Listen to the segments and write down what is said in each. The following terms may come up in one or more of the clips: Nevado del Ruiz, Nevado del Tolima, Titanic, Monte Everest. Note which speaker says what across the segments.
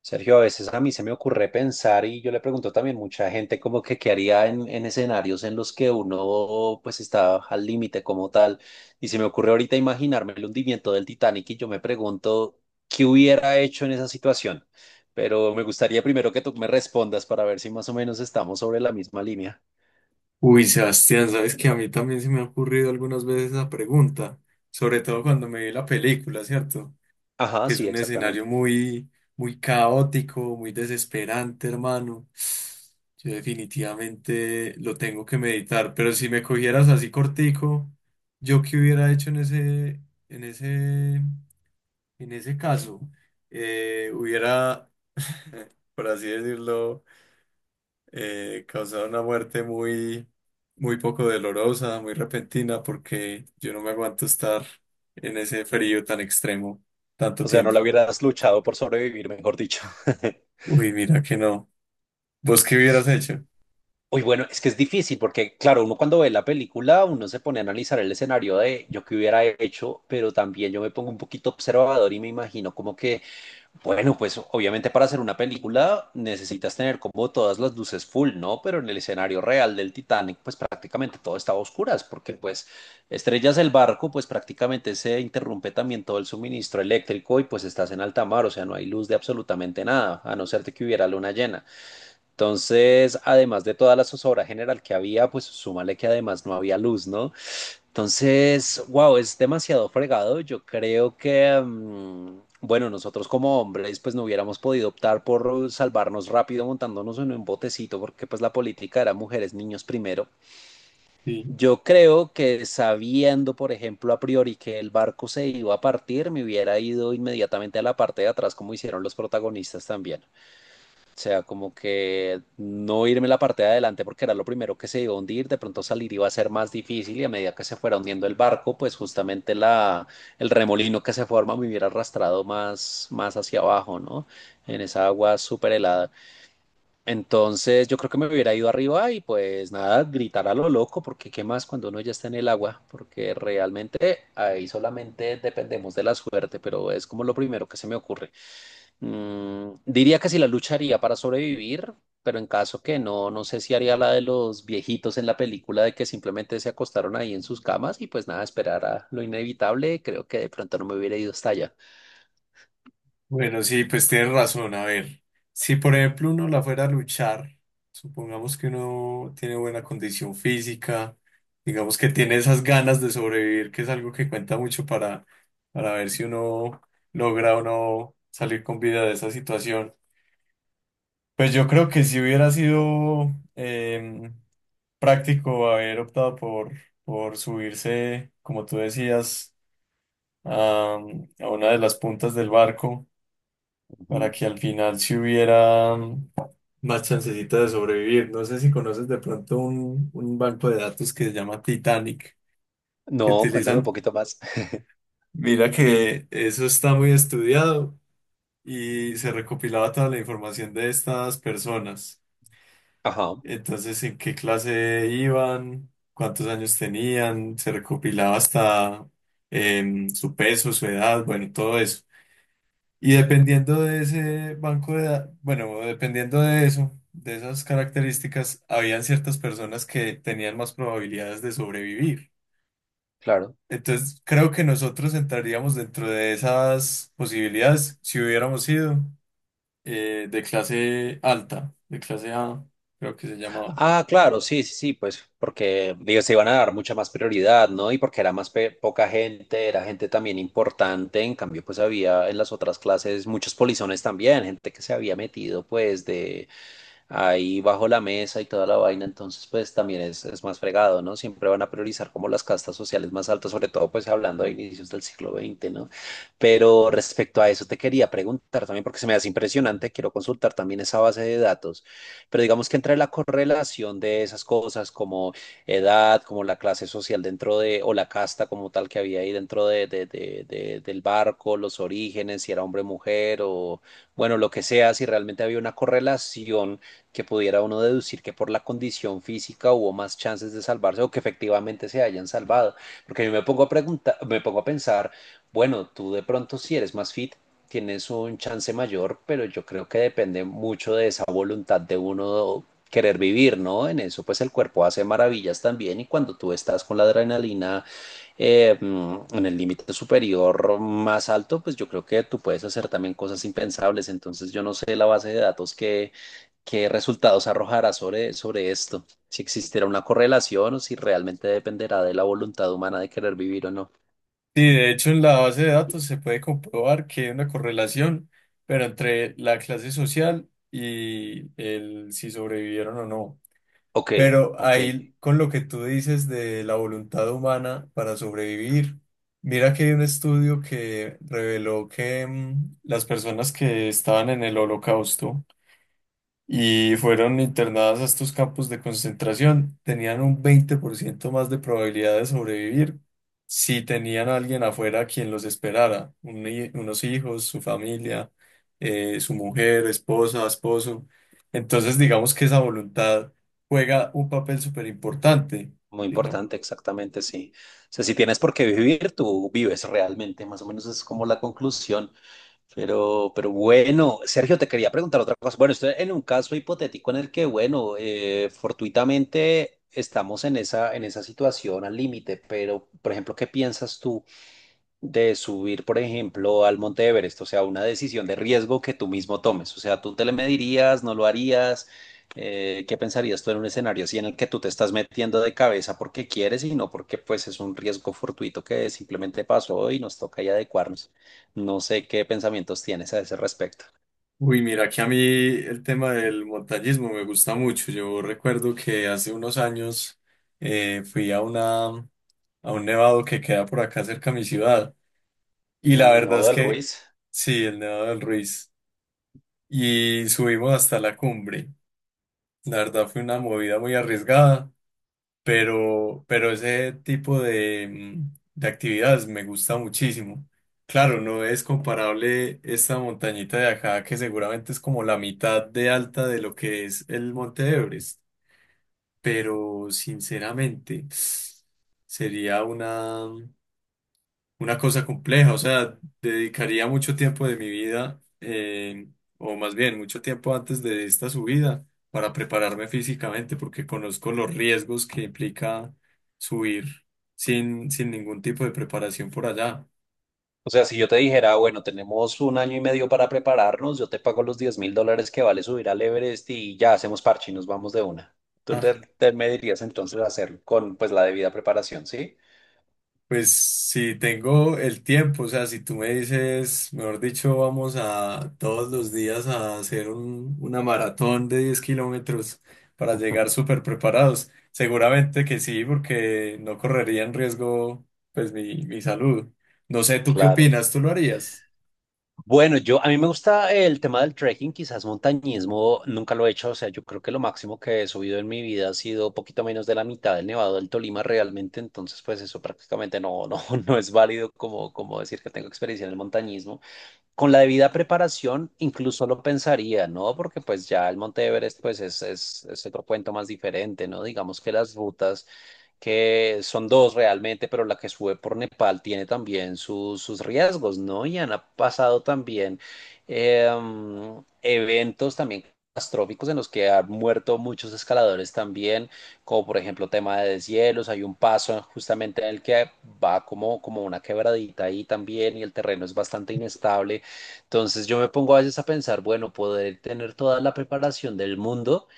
Speaker 1: Sergio, a veces a mí se me ocurre pensar y yo le pregunto también mucha gente como que qué haría en escenarios en los que uno pues está al límite como tal. Y se me ocurre ahorita imaginarme el hundimiento del Titanic y yo me pregunto qué hubiera hecho en esa situación. Pero me gustaría primero que tú me respondas para ver si más o menos estamos sobre la misma línea.
Speaker 2: Uy, Sebastián, sabes que a mí también se me ha ocurrido algunas veces esa pregunta, sobre todo cuando me vi la película, ¿cierto?
Speaker 1: Ajá,
Speaker 2: Que es
Speaker 1: sí,
Speaker 2: un escenario
Speaker 1: exactamente.
Speaker 2: muy, muy caótico, muy desesperante, hermano. Yo definitivamente lo tengo que meditar, pero si me cogieras así cortico, ¿yo qué hubiera hecho en en ese, ese caso? Eh, hubiera, por así decirlo, causado una muerte muy, muy poco dolorosa, muy repentina, porque yo no me aguanto estar en ese frío tan extremo tanto
Speaker 1: O sea, no la
Speaker 2: tiempo.
Speaker 1: hubieras luchado por sobrevivir, mejor dicho.
Speaker 2: Uy, mira que no. ¿Vos qué hubieras hecho?
Speaker 1: Uy, bueno, es que es difícil porque, claro, uno cuando ve la película, uno se pone a analizar el escenario de yo que hubiera hecho, pero también yo me pongo un poquito observador y me imagino como que, bueno, pues obviamente para hacer una película necesitas tener como todas las luces full, ¿no? Pero en el escenario real del Titanic, pues prácticamente todo estaba a oscuras porque pues estrellas el barco, pues prácticamente se interrumpe también todo el suministro eléctrico y pues estás en alta mar, o sea, no hay luz de absolutamente nada, a no ser de que hubiera luna llena. Entonces, además de toda la zozobra general que había, pues súmale que además no había luz, ¿no? Entonces, wow, es demasiado fregado. Yo creo que, bueno, nosotros como hombres, pues no hubiéramos podido optar por salvarnos rápido montándonos en un botecito, porque pues la política era mujeres, niños primero.
Speaker 2: Sí.
Speaker 1: Yo creo que sabiendo, por ejemplo, a priori que el barco se iba a partir, me hubiera ido inmediatamente a la parte de atrás, como hicieron los protagonistas también. O sea, como que no irme la parte de adelante porque era lo primero que se iba a hundir, de pronto salir iba a ser más difícil y a medida que se fuera hundiendo el barco, pues justamente el remolino que se forma me hubiera arrastrado más, más hacia abajo, ¿no? En esa agua súper helada. Entonces yo creo que me hubiera ido arriba y pues nada, gritar a lo loco, porque qué más cuando uno ya está en el agua, porque realmente ahí solamente dependemos de la suerte, pero es como lo primero que se me ocurre. Mm, diría que sí la lucharía para sobrevivir, pero en caso que no, no sé si haría la de los viejitos en la película de que simplemente se acostaron ahí en sus camas y pues nada, esperar a lo inevitable. Creo que de pronto no me hubiera ido hasta allá.
Speaker 2: Bueno, sí, pues tienes razón. A ver, si por ejemplo uno la fuera a luchar, supongamos que uno tiene buena condición física, digamos que tiene esas ganas de sobrevivir, que es algo que cuenta mucho para ver si uno logra o no salir con vida de esa situación. Pues yo creo que si hubiera sido em, práctico haber optado por subirse, como tú decías, a, a una de las puntas del barco para
Speaker 1: Ujú.
Speaker 2: que al final si hubiera más chancecita de sobrevivir. No sé si conoces de pronto un banco de datos que se llama Titanic, que
Speaker 1: No, cuéntame un
Speaker 2: utilizan.
Speaker 1: poquito más.
Speaker 2: Mira que eso está muy estudiado y se recopilaba toda la información de estas personas.
Speaker 1: Ajá.
Speaker 2: Entonces, ¿en qué clase iban? ¿Cuántos años tenían? Se recopilaba hasta su peso, su edad, bueno, todo eso. Y
Speaker 1: Ujú,
Speaker 2: dependiendo de ese banco de edad, bueno, dependiendo de eso, de esas características, habían ciertas personas que tenían más probabilidades de sobrevivir.
Speaker 1: claro.
Speaker 2: Entonces, creo que nosotros entraríamos dentro de esas posibilidades si hubiéramos sido de clase alta, de clase A, creo que se llamaba.
Speaker 1: Ah, claro, sí, sí, sí, pues porque digo, se iban a dar mucha más prioridad, ¿no? Y porque era más poca gente, era gente también importante, en cambio pues había en las otras clases muchos polizones también, gente que se había metido pues de ahí bajo la mesa y toda la vaina, entonces pues también es más fregado, ¿no? Siempre van a priorizar como las castas sociales más altas, sobre todo pues hablando de inicios del siglo XX, ¿no? Pero respecto a eso te quería preguntar también, porque se me hace impresionante, quiero consultar también esa base de datos, pero digamos que entre la correlación de esas cosas como edad, como la clase social o la casta como tal que había ahí dentro del barco, los orígenes, si era hombre o mujer, o bueno, lo que sea, si realmente había una correlación que pudiera uno deducir que por la condición física hubo más chances de salvarse o que efectivamente se hayan salvado. Porque yo me pongo a preguntar, me pongo a pensar, bueno, tú de pronto si eres más fit, tienes un chance mayor, pero yo creo que depende mucho de esa voluntad de uno querer vivir, ¿no? En eso pues el cuerpo hace maravillas también y cuando tú estás con la adrenalina en el límite superior más alto, pues yo creo que tú puedes hacer también cosas impensables. Entonces yo no sé la base de datos qué resultados arrojará sobre esto, si existirá una correlación o si realmente dependerá de la voluntad humana de querer vivir o no.
Speaker 2: Sí, de hecho en la base de datos se puede comprobar que hay una correlación, pero entre la clase social y el si sobrevivieron o no.
Speaker 1: Ok,
Speaker 2: Pero
Speaker 1: ok,
Speaker 2: ahí con lo que tú dices de la voluntad humana para sobrevivir, mira que hay un estudio que reveló que las personas que estaban en el holocausto y fueron internadas a estos campos de concentración, tenían un 20% más de probabilidad de sobrevivir si tenían a alguien afuera quien los esperara, unos hijos, su familia, su mujer, esposa, esposo. Entonces, digamos que esa voluntad juega un papel súper importante,
Speaker 1: muy
Speaker 2: digamos.
Speaker 1: importante, exactamente, sí. O sea, si tienes por qué vivir, tú vives realmente, más o menos es como la conclusión. Pero bueno, Sergio, te quería preguntar otra cosa. Bueno, estoy en un caso hipotético en el que, bueno, fortuitamente estamos en esa situación al límite, pero, por ejemplo, ¿qué piensas tú de subir, por ejemplo, al Monte Everest? O sea, una decisión de riesgo que tú mismo tomes, o sea, tú te le medirías, no lo harías. ¿Qué pensarías tú en un escenario así en el que tú te estás metiendo de cabeza porque quieres y no porque pues es un riesgo fortuito que simplemente pasó y nos toca ahí adecuarnos? No sé qué pensamientos tienes a ese respecto.
Speaker 2: Uy, mira que a mí el tema del montañismo me gusta mucho. Yo recuerdo que hace unos años fui a una a un nevado que queda por acá cerca a mi ciudad. Y la
Speaker 1: Mm, no,
Speaker 2: verdad es
Speaker 1: del
Speaker 2: que
Speaker 1: Ruiz.
Speaker 2: sí, el Nevado del Ruiz. Y subimos hasta la cumbre. La verdad fue una movida muy arriesgada, pero ese tipo de, de actividades me gusta muchísimo. Claro, no es comparable esta montañita de acá, que seguramente es como la mitad de alta de lo que es el Monte Everest, pero sinceramente sería una cosa compleja, o sea, dedicaría mucho tiempo de mi vida, o más bien mucho tiempo antes de esta subida, para prepararme físicamente, porque conozco los riesgos que implica subir sin ningún tipo de preparación por allá.
Speaker 1: O sea, si yo te dijera: "Ah, bueno, tenemos un año y medio para prepararnos, yo te pago los $10.000 que vale subir al Everest y ya hacemos parche y nos vamos de una". Me dirías entonces hacerlo con pues la debida preparación, ¿sí?
Speaker 2: Pues si tengo el tiempo, o sea, si tú me dices, mejor dicho, vamos a todos los días a hacer una maratón de 10 kilómetros para
Speaker 1: Ujú.
Speaker 2: llegar súper preparados, seguramente que sí, porque no correría en riesgo, pues, mi salud. No sé, ¿tú qué
Speaker 1: Claro.
Speaker 2: opinas? ¿Tú lo harías?
Speaker 1: Bueno, yo a mí me gusta el tema del trekking, quizás montañismo, nunca lo he hecho, o sea, yo creo que lo máximo que he subido en mi vida ha sido poquito menos de la mitad del Nevado del Tolima realmente, entonces pues eso prácticamente no, no es válido como decir que tengo experiencia en el montañismo. Con la debida preparación incluso lo pensaría, ¿no? Porque pues ya el Monte Everest pues es otro cuento más diferente, ¿no? Digamos que las rutas que son dos realmente, pero la que sube por Nepal tiene también sus riesgos, ¿no? Y han pasado también eh, eventos también catastróficos en los que han muerto muchos escaladores también, como por ejemplo tema de deshielos, hay un paso justamente en el que va como una quebradita ahí también y el terreno es bastante inestable. Entonces yo me pongo a veces a pensar, bueno, poder tener toda la preparación del mundo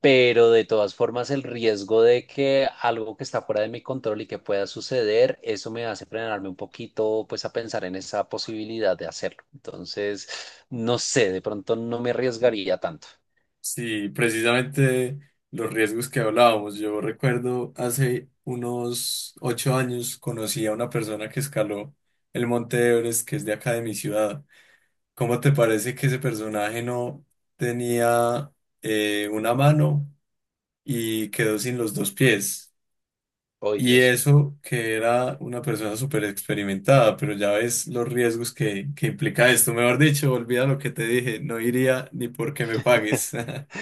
Speaker 1: pero de todas formas el riesgo de que algo que está fuera de mi control y que pueda suceder, eso me hace frenarme un poquito, pues a pensar en esa posibilidad de hacerlo. Entonces, no sé, de pronto no me arriesgaría tanto.
Speaker 2: Sí, precisamente los riesgos que hablábamos. Yo recuerdo hace unos 8 años conocí a una persona que escaló el Monte Everest, que es de acá de mi ciudad. ¿Cómo te parece que ese personaje no tenía una mano y quedó sin los dos pies?
Speaker 1: Ay,
Speaker 2: Y
Speaker 1: Dios.
Speaker 2: eso que era una persona súper experimentada, pero ya ves los riesgos que implica esto. Mejor dicho, olvida lo que te dije, no iría ni porque me pagues.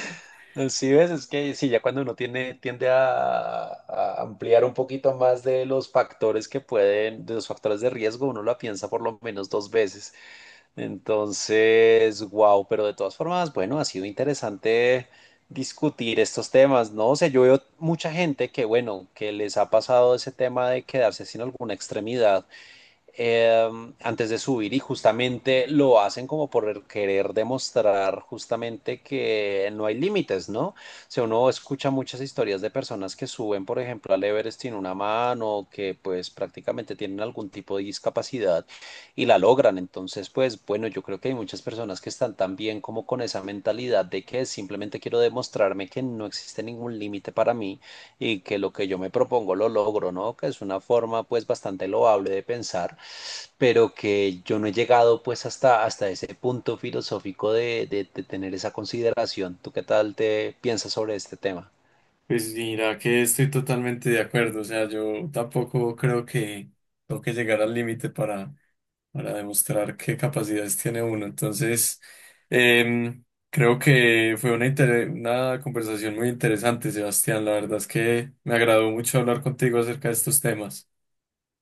Speaker 1: Sí, ves, es que sí, ya cuando uno tiene, tiende a ampliar un poquito más de los factores que pueden, de los factores de riesgo, uno la piensa por lo menos dos veces. Entonces, wow, pero de todas formas, bueno, ha sido interesante discutir estos temas, ¿no? O sea, yo veo mucha gente que, bueno, que les ha pasado ese tema de quedarse sin alguna extremidad antes de subir y justamente lo hacen como por querer demostrar justamente que no hay límites, ¿no? O sea, uno escucha muchas historias de personas que suben, por ejemplo, al Everest sin una mano, que pues prácticamente tienen algún tipo de discapacidad y la logran. Entonces, pues bueno, yo creo que hay muchas personas que están también como con esa mentalidad de que simplemente quiero demostrarme que no existe ningún límite para mí y que lo que yo me propongo lo logro, ¿no? Que es una forma pues bastante loable de pensar pero que yo no he llegado pues hasta ese punto filosófico de tener esa consideración. ¿Tú qué tal te piensas sobre este tema?
Speaker 2: Pues mira que estoy totalmente de acuerdo, o sea, yo tampoco creo que tengo que llegar al límite para demostrar qué capacidades tiene uno. Entonces, em, creo que fue una conversación muy interesante, Sebastián. La verdad es que me agradó mucho hablar contigo acerca de estos temas.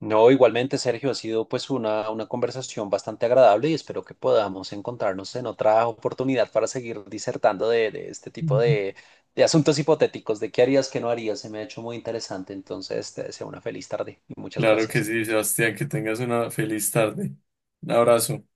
Speaker 1: No, igualmente, Sergio, ha sido pues una conversación bastante agradable y espero que podamos encontrarnos en otra oportunidad para seguir disertando de este tipo
Speaker 2: Ujú.
Speaker 1: de asuntos hipotéticos, de qué harías, qué no harías. Se me ha hecho muy interesante, entonces te deseo una feliz tarde y muchas
Speaker 2: Claro que
Speaker 1: gracias.
Speaker 2: sí, Sebastián, que tengas una feliz tarde. Un abrazo.